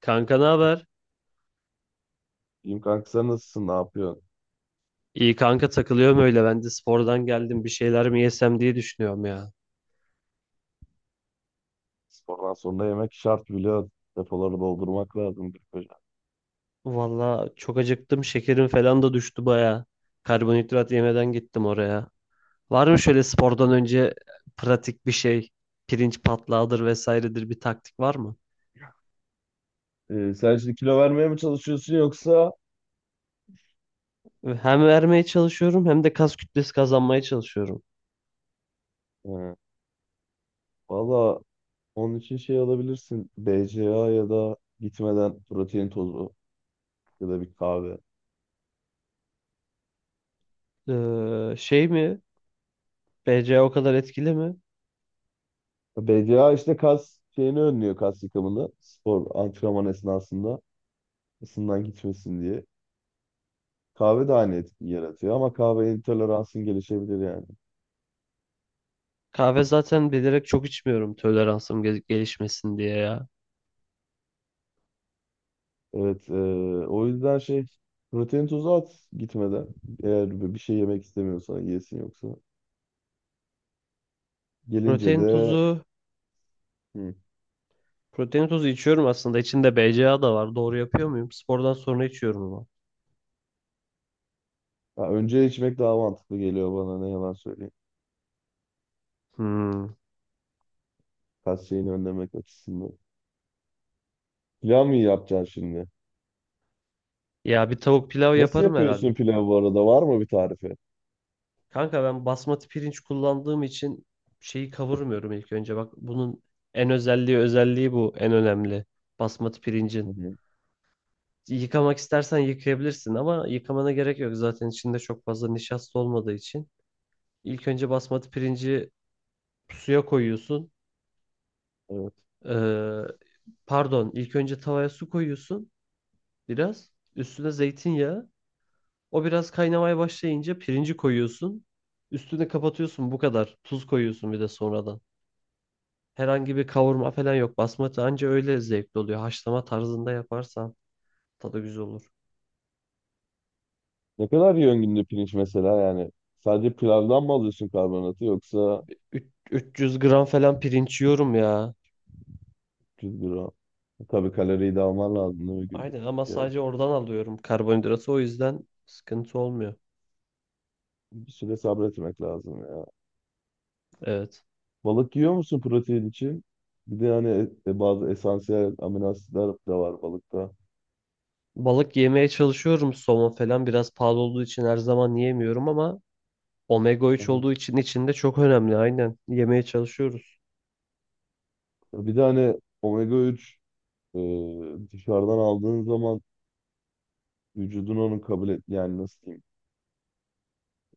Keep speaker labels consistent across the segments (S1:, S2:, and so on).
S1: Kanka ne haber?
S2: İyiyim kanka, sen nasılsın? Ne yapıyorsun?
S1: İyi kanka takılıyorum öyle. Ben de spordan geldim. Bir şeyler mi yesem diye düşünüyorum ya.
S2: Spordan sonra yemek şart biliyorsun. Depoları doldurmak lazım bir koca.
S1: Valla çok acıktım. Şekerim falan da düştü baya. Karbonhidrat yemeden gittim oraya. Var mı şöyle spordan önce pratik bir şey? Pirinç patlağıdır vesairedir bir taktik var mı?
S2: Sen şimdi kilo vermeye mi çalışıyorsun yoksa?
S1: Hem vermeye çalışıyorum hem de kas kütlesi kazanmaya çalışıyorum.
S2: Ee, valla onun için şey alabilirsin. BCA, ya da gitmeden protein tozu ya da bir kahve.
S1: Şey mi? BCA o kadar etkili mi?
S2: BCA işte kas şeyini önlüyor, kas yıkımını. Spor antrenman esnasında ısından gitmesin diye. Kahve de aynı etki yaratıyor ama kahve intoleransın gelişebilir yani.
S1: Kahve zaten bilerek çok içmiyorum toleransım gelişmesin diye ya.
S2: Evet, o yüzden şey, protein tozu at gitmeden, eğer bir şey yemek istemiyorsan yesin yoksa. Gelince
S1: Protein
S2: de
S1: tozu
S2: hı.
S1: Protein tozu içiyorum aslında. İçinde BCAA da var. Doğru yapıyor muyum? Spordan sonra içiyorum ama.
S2: Ha, önce içmek daha mantıklı geliyor bana, ne yalan söyleyeyim.
S1: Hmm.
S2: Kas şeyini önlemek açısından. Pilav mı yapacaksın şimdi?
S1: Ya bir tavuk pilav
S2: Nasıl
S1: yaparım
S2: yapıyorsun
S1: herhalde.
S2: pilav bu arada? Var mı bir tarifi?
S1: Kanka ben basmati pirinç kullandığım için şeyi kavurmuyorum ilk önce. Bak bunun en özelliği bu. En önemli. Basmati
S2: Hı
S1: pirincin.
S2: hı.
S1: Yıkamak istersen yıkayabilirsin ama yıkamana gerek yok. Zaten içinde çok fazla nişasta olmadığı için. İlk önce basmati pirinci suya koyuyorsun.
S2: Evet.
S1: Ee, Pardon, ilk önce tavaya su koyuyorsun biraz. Üstüne zeytinyağı. O biraz kaynamaya başlayınca pirinci koyuyorsun. Üstüne kapatıyorsun bu kadar. Tuz koyuyorsun bir de sonradan. Herhangi bir kavurma falan yok. Basmati anca öyle zevkli oluyor. Haşlama tarzında yaparsan tadı güzel olur.
S2: Ne kadar yiyorsun günde pirinç mesela yani? Sadece pilavdan mı alıyorsun karbonatı, yoksa
S1: Üç- 300 gram falan pirinç yiyorum ya.
S2: 300 gram? Tabii kaloriyi de alman lazım, değil mi, günlük?
S1: Aynen ama
S2: Yani
S1: sadece oradan alıyorum karbonhidratı. O yüzden sıkıntı olmuyor.
S2: bir süre sabretmek lazım ya.
S1: Evet.
S2: Balık yiyor musun protein için? Bir de hani bazı esansiyel amino asitler de var balıkta.
S1: Balık yemeye çalışıyorum. Somon falan biraz pahalı olduğu için her zaman yiyemiyorum ama omega 3
S2: Aha.
S1: olduğu için içinde çok önemli. Aynen. Yemeye çalışıyoruz.
S2: Bir de hani omega 3, e, dışarıdan aldığın zaman, vücudun onu kabul et, yani nasıl diyeyim?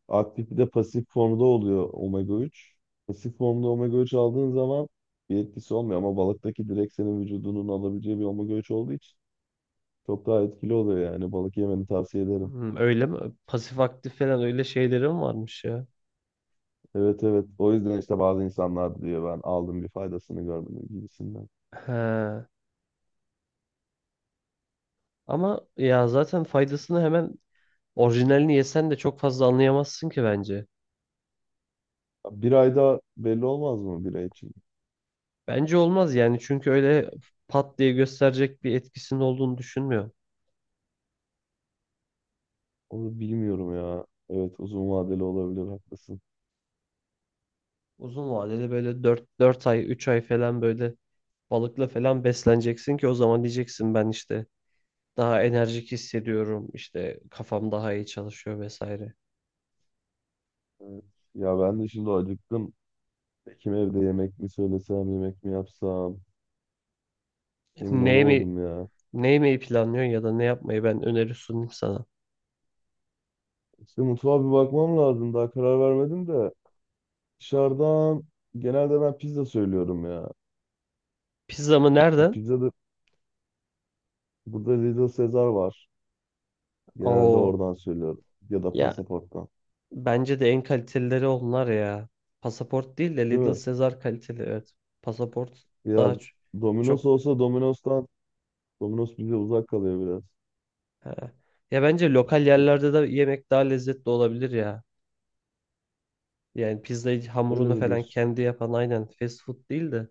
S2: Aktif bir de pasif formda oluyor omega 3. Pasif formda omega 3 aldığın zaman bir etkisi olmuyor, ama balıktaki direkt senin vücudunun alabileceği bir omega 3 olduğu için çok daha etkili oluyor. Yani balık yemeni tavsiye ederim.
S1: Hmm, öyle mi? Pasif aktif falan öyle şeylerim varmış ya.
S2: Evet, evet, o yüzden işte bazı insanlar diyor ben aldım bir faydasını görmedim gibisinden.
S1: He. Ama ya zaten faydasını hemen orijinalini yesen de çok fazla anlayamazsın ki bence.
S2: Bir ayda belli olmaz mı, bir ay için?
S1: Bence olmaz yani çünkü öyle pat diye gösterecek bir etkisinin olduğunu düşünmüyorum.
S2: Onu bilmiyorum ya. Evet, uzun vadeli olabilir, haklısın.
S1: Uzun vadede böyle 4 ay 3 ay falan böyle balıkla falan besleneceksin ki o zaman diyeceksin ben işte daha enerjik hissediyorum işte kafam daha iyi çalışıyor vesaire.
S2: Evet. Ya ben de şimdi acıktım. Kim evde, yemek mi söylesem, yemek mi yapsam, emin
S1: Ne mi
S2: olamadım ya.
S1: ne yemeyi planlıyorsun ya da ne yapmayı ben öneri sunayım sana.
S2: İşte mutfağa bir bakmam lazım, daha karar vermedim de. Dışarıdan genelde ben pizza söylüyorum ya.
S1: Pizza mı
S2: Ya
S1: nereden?
S2: pizza da, burada Little Caesar var. Genelde
S1: Oo.
S2: oradan söylüyorum. Ya da
S1: Ya
S2: Pasaport'tan.
S1: bence de en kalitelileri onlar ya. Pasaport değil de
S2: Değil
S1: Little
S2: mi?
S1: Caesar kaliteli evet. Pasaport
S2: Ya
S1: daha
S2: Domino's
S1: çok
S2: olsa Domino's'tan. Domino's bize uzak kalıyor
S1: he. Ya bence lokal
S2: biraz.
S1: yerlerde de yemek daha lezzetli olabilir ya. Yani pizzayı
S2: Öyle
S1: hamurunu
S2: mi
S1: falan
S2: diyorsun?
S1: kendi yapan aynen fast food değil de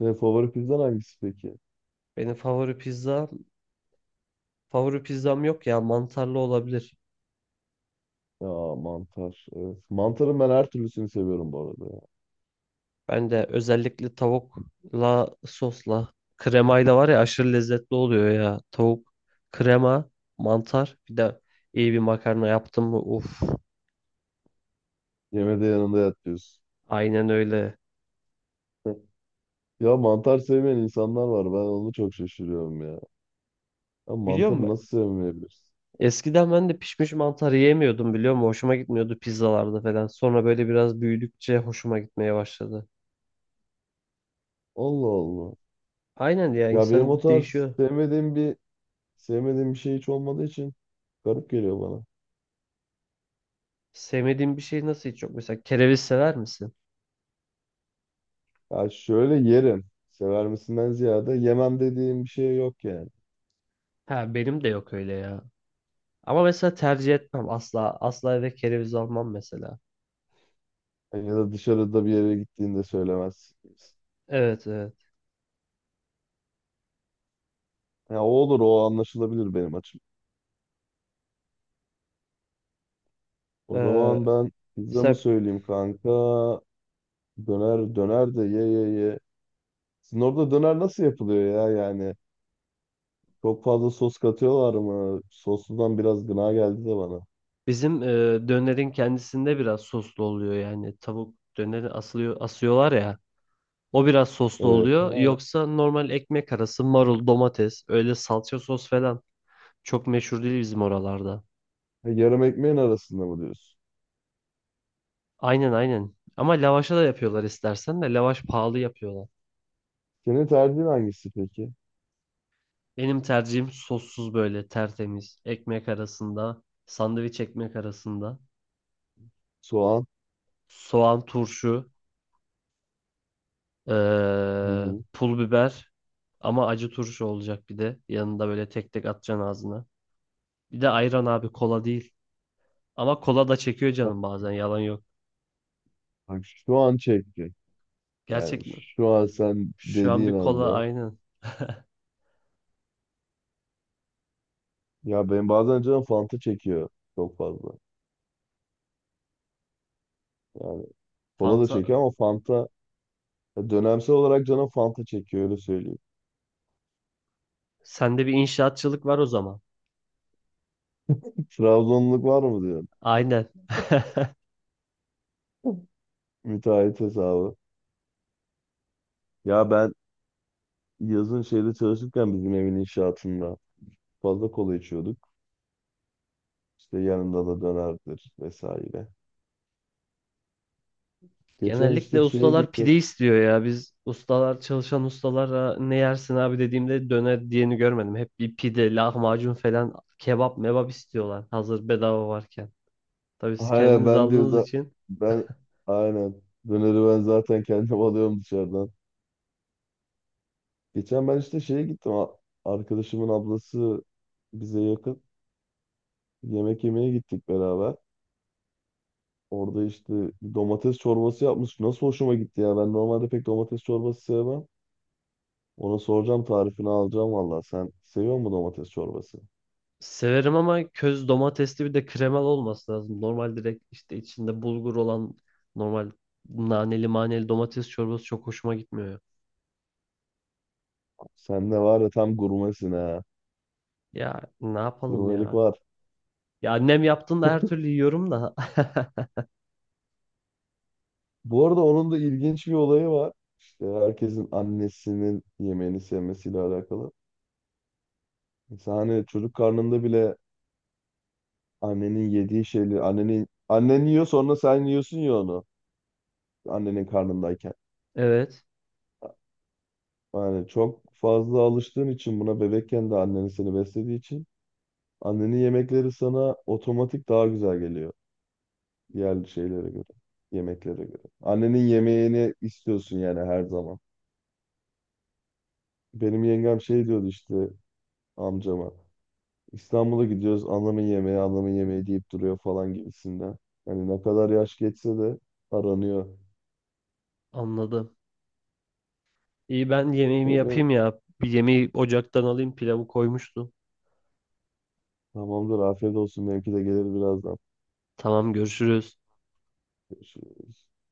S2: Senin favori pizzan hangisi peki?
S1: benim favori pizza favori pizzam yok ya mantarlı olabilir.
S2: Ya mantar. Evet. Mantarın ben her türlüsünü seviyorum bu arada ya.
S1: Ben de özellikle tavukla sosla kremayla var ya aşırı lezzetli oluyor ya. Tavuk, krema, mantar bir de iyi bir makarna yaptım mı uf.
S2: Yemede yanında yat diyorsun.
S1: Aynen öyle.
S2: Ya mantar sevmeyen insanlar var. Ben onu çok şaşırıyorum ya. Ya
S1: Biliyor
S2: mantarı
S1: musun?
S2: nasıl sevmeyebilirsin?
S1: Eskiden ben de pişmiş mantar yiyemiyordum biliyor musun? Hoşuma gitmiyordu pizzalarda falan. Sonra böyle biraz büyüdükçe hoşuma gitmeye başladı.
S2: Allah Allah.
S1: Aynen ya
S2: Ya benim o
S1: insan
S2: tarz
S1: değişiyor.
S2: sevmediğim bir şey hiç olmadığı için garip geliyor bana.
S1: Sevmediğin bir şey nasıl hiç yok? Mesela kereviz sever misin?
S2: Ya şöyle yerim. Sever misinden ziyade yemem dediğim bir şey yok yani.
S1: Ha benim de yok öyle ya. Ama mesela tercih etmem asla. Asla eve kereviz almam mesela.
S2: Ya da dışarıda bir yere gittiğinde söylemez.
S1: Evet, evet.
S2: Ya o olur, o anlaşılabilir benim açım. O
S1: Ee,
S2: zaman ben pizza mı
S1: mesela
S2: söyleyeyim kanka? Döner, döner de ye ye ye. Sizin orada döner nasıl yapılıyor ya yani? Çok fazla sos katıyorlar mı? Sosludan biraz gına geldi de bana.
S1: bizim e, dönerin kendisinde biraz soslu oluyor yani tavuk döneri asılıyor asıyorlar ya o biraz soslu
S2: Evet.
S1: oluyor
S2: Ha,
S1: yoksa normal ekmek arası marul domates öyle salça sos falan çok meşhur değil bizim oralarda.
S2: yarım ekmeğin arasında mı diyorsun?
S1: Aynen, aynen ama lavaşa da yapıyorlar istersen de lavaş pahalı yapıyorlar.
S2: Senin tercihin hangisi peki?
S1: Benim tercihim sossuz böyle tertemiz ekmek arasında sandviç ekmek arasında
S2: Soğan.
S1: soğan turşu, Ee,
S2: Hı hı.
S1: pul biber, ama acı turşu olacak bir de. Yanında böyle tek tek atacaksın ağzına. Bir de ayran abi, kola değil. Ama kola da çekiyor canım bazen yalan yok.
S2: Bak şu an çekti. Yani
S1: Gerçekten.
S2: şu an sen
S1: Şu an
S2: dediğin
S1: bir kola
S2: anda.
S1: aynen.
S2: Ya ben bazen canım Fanta çekiyor çok fazla. Yani kola da çekiyor
S1: Fanta.
S2: ama Fanta, ya dönemsel olarak canım Fanta çekiyor, öyle söyleyeyim.
S1: Sende bir inşaatçılık var o zaman.
S2: Trabzonluk var mı diyor.
S1: Aynen.
S2: Müteahhit hesabı. Ya ben yazın şeyde çalışırken, bizim evin inşaatında, fazla kola içiyorduk. İşte yanında da dönerdir vesaire. Geçen
S1: Genellikle
S2: işte şeye
S1: ustalar
S2: gittim.
S1: pide istiyor ya. Biz ustalar çalışan ustalara ne yersin abi dediğimde döner diyeni görmedim. Hep bir pide, lahmacun falan kebap mebap istiyorlar. Hazır bedava varken. Tabii siz
S2: Aynen,
S1: kendiniz
S2: ben diyor
S1: aldığınız
S2: da,
S1: için
S2: ben, aynen, döneri ben zaten kendim alıyorum dışarıdan. Geçen ben işte şeye gittim. Arkadaşımın ablası bize yakın. Yemek yemeye gittik beraber. Orada işte domates çorbası yapmış. Nasıl hoşuma gitti ya. Ben normalde pek domates çorbası sevmem. Ona soracağım, tarifini alacağım valla. Sen seviyor musun domates çorbası?
S1: severim ama köz domatesli bir de kremalı olması lazım. Normal direkt işte içinde bulgur olan normal naneli maneli domates çorbası çok hoşuma gitmiyor.
S2: Sen ne var ya, tam gurmesin ha.
S1: Ya ne yapalım
S2: Gurmelik
S1: ya?
S2: var.
S1: Ya annem yaptığında her türlü yiyorum da.
S2: Bu arada onun da ilginç bir olayı var. İşte herkesin annesinin yemeğini sevmesiyle alakalı. Mesela hani çocuk karnında bile annenin yediği şeyleri, annenin, annen yiyor, sonra sen yiyorsun ya onu. Annenin karnındayken.
S1: Evet,
S2: Yani çok fazla alıştığın için buna, bebekken de annen seni beslediği için, annenin yemekleri sana otomatik daha güzel geliyor. Diğer şeylere göre, yemeklere göre. Annenin yemeğini istiyorsun yani her zaman. Benim yengem şey diyordu işte, amcama. İstanbul'a gidiyoruz, anlamın yemeği, anlamın yemeği deyip duruyor falan gibisinden. Hani ne kadar yaş geçse de aranıyor.
S1: anladım. İyi ben
S2: E
S1: yemeğimi
S2: ben,
S1: yapayım ya. Bir yemeği ocaktan alayım, pilavı koymuştu.
S2: tamamdır, afiyet olsun, benimki de gelir birazdan.
S1: Tamam, görüşürüz.
S2: Görüşürüz.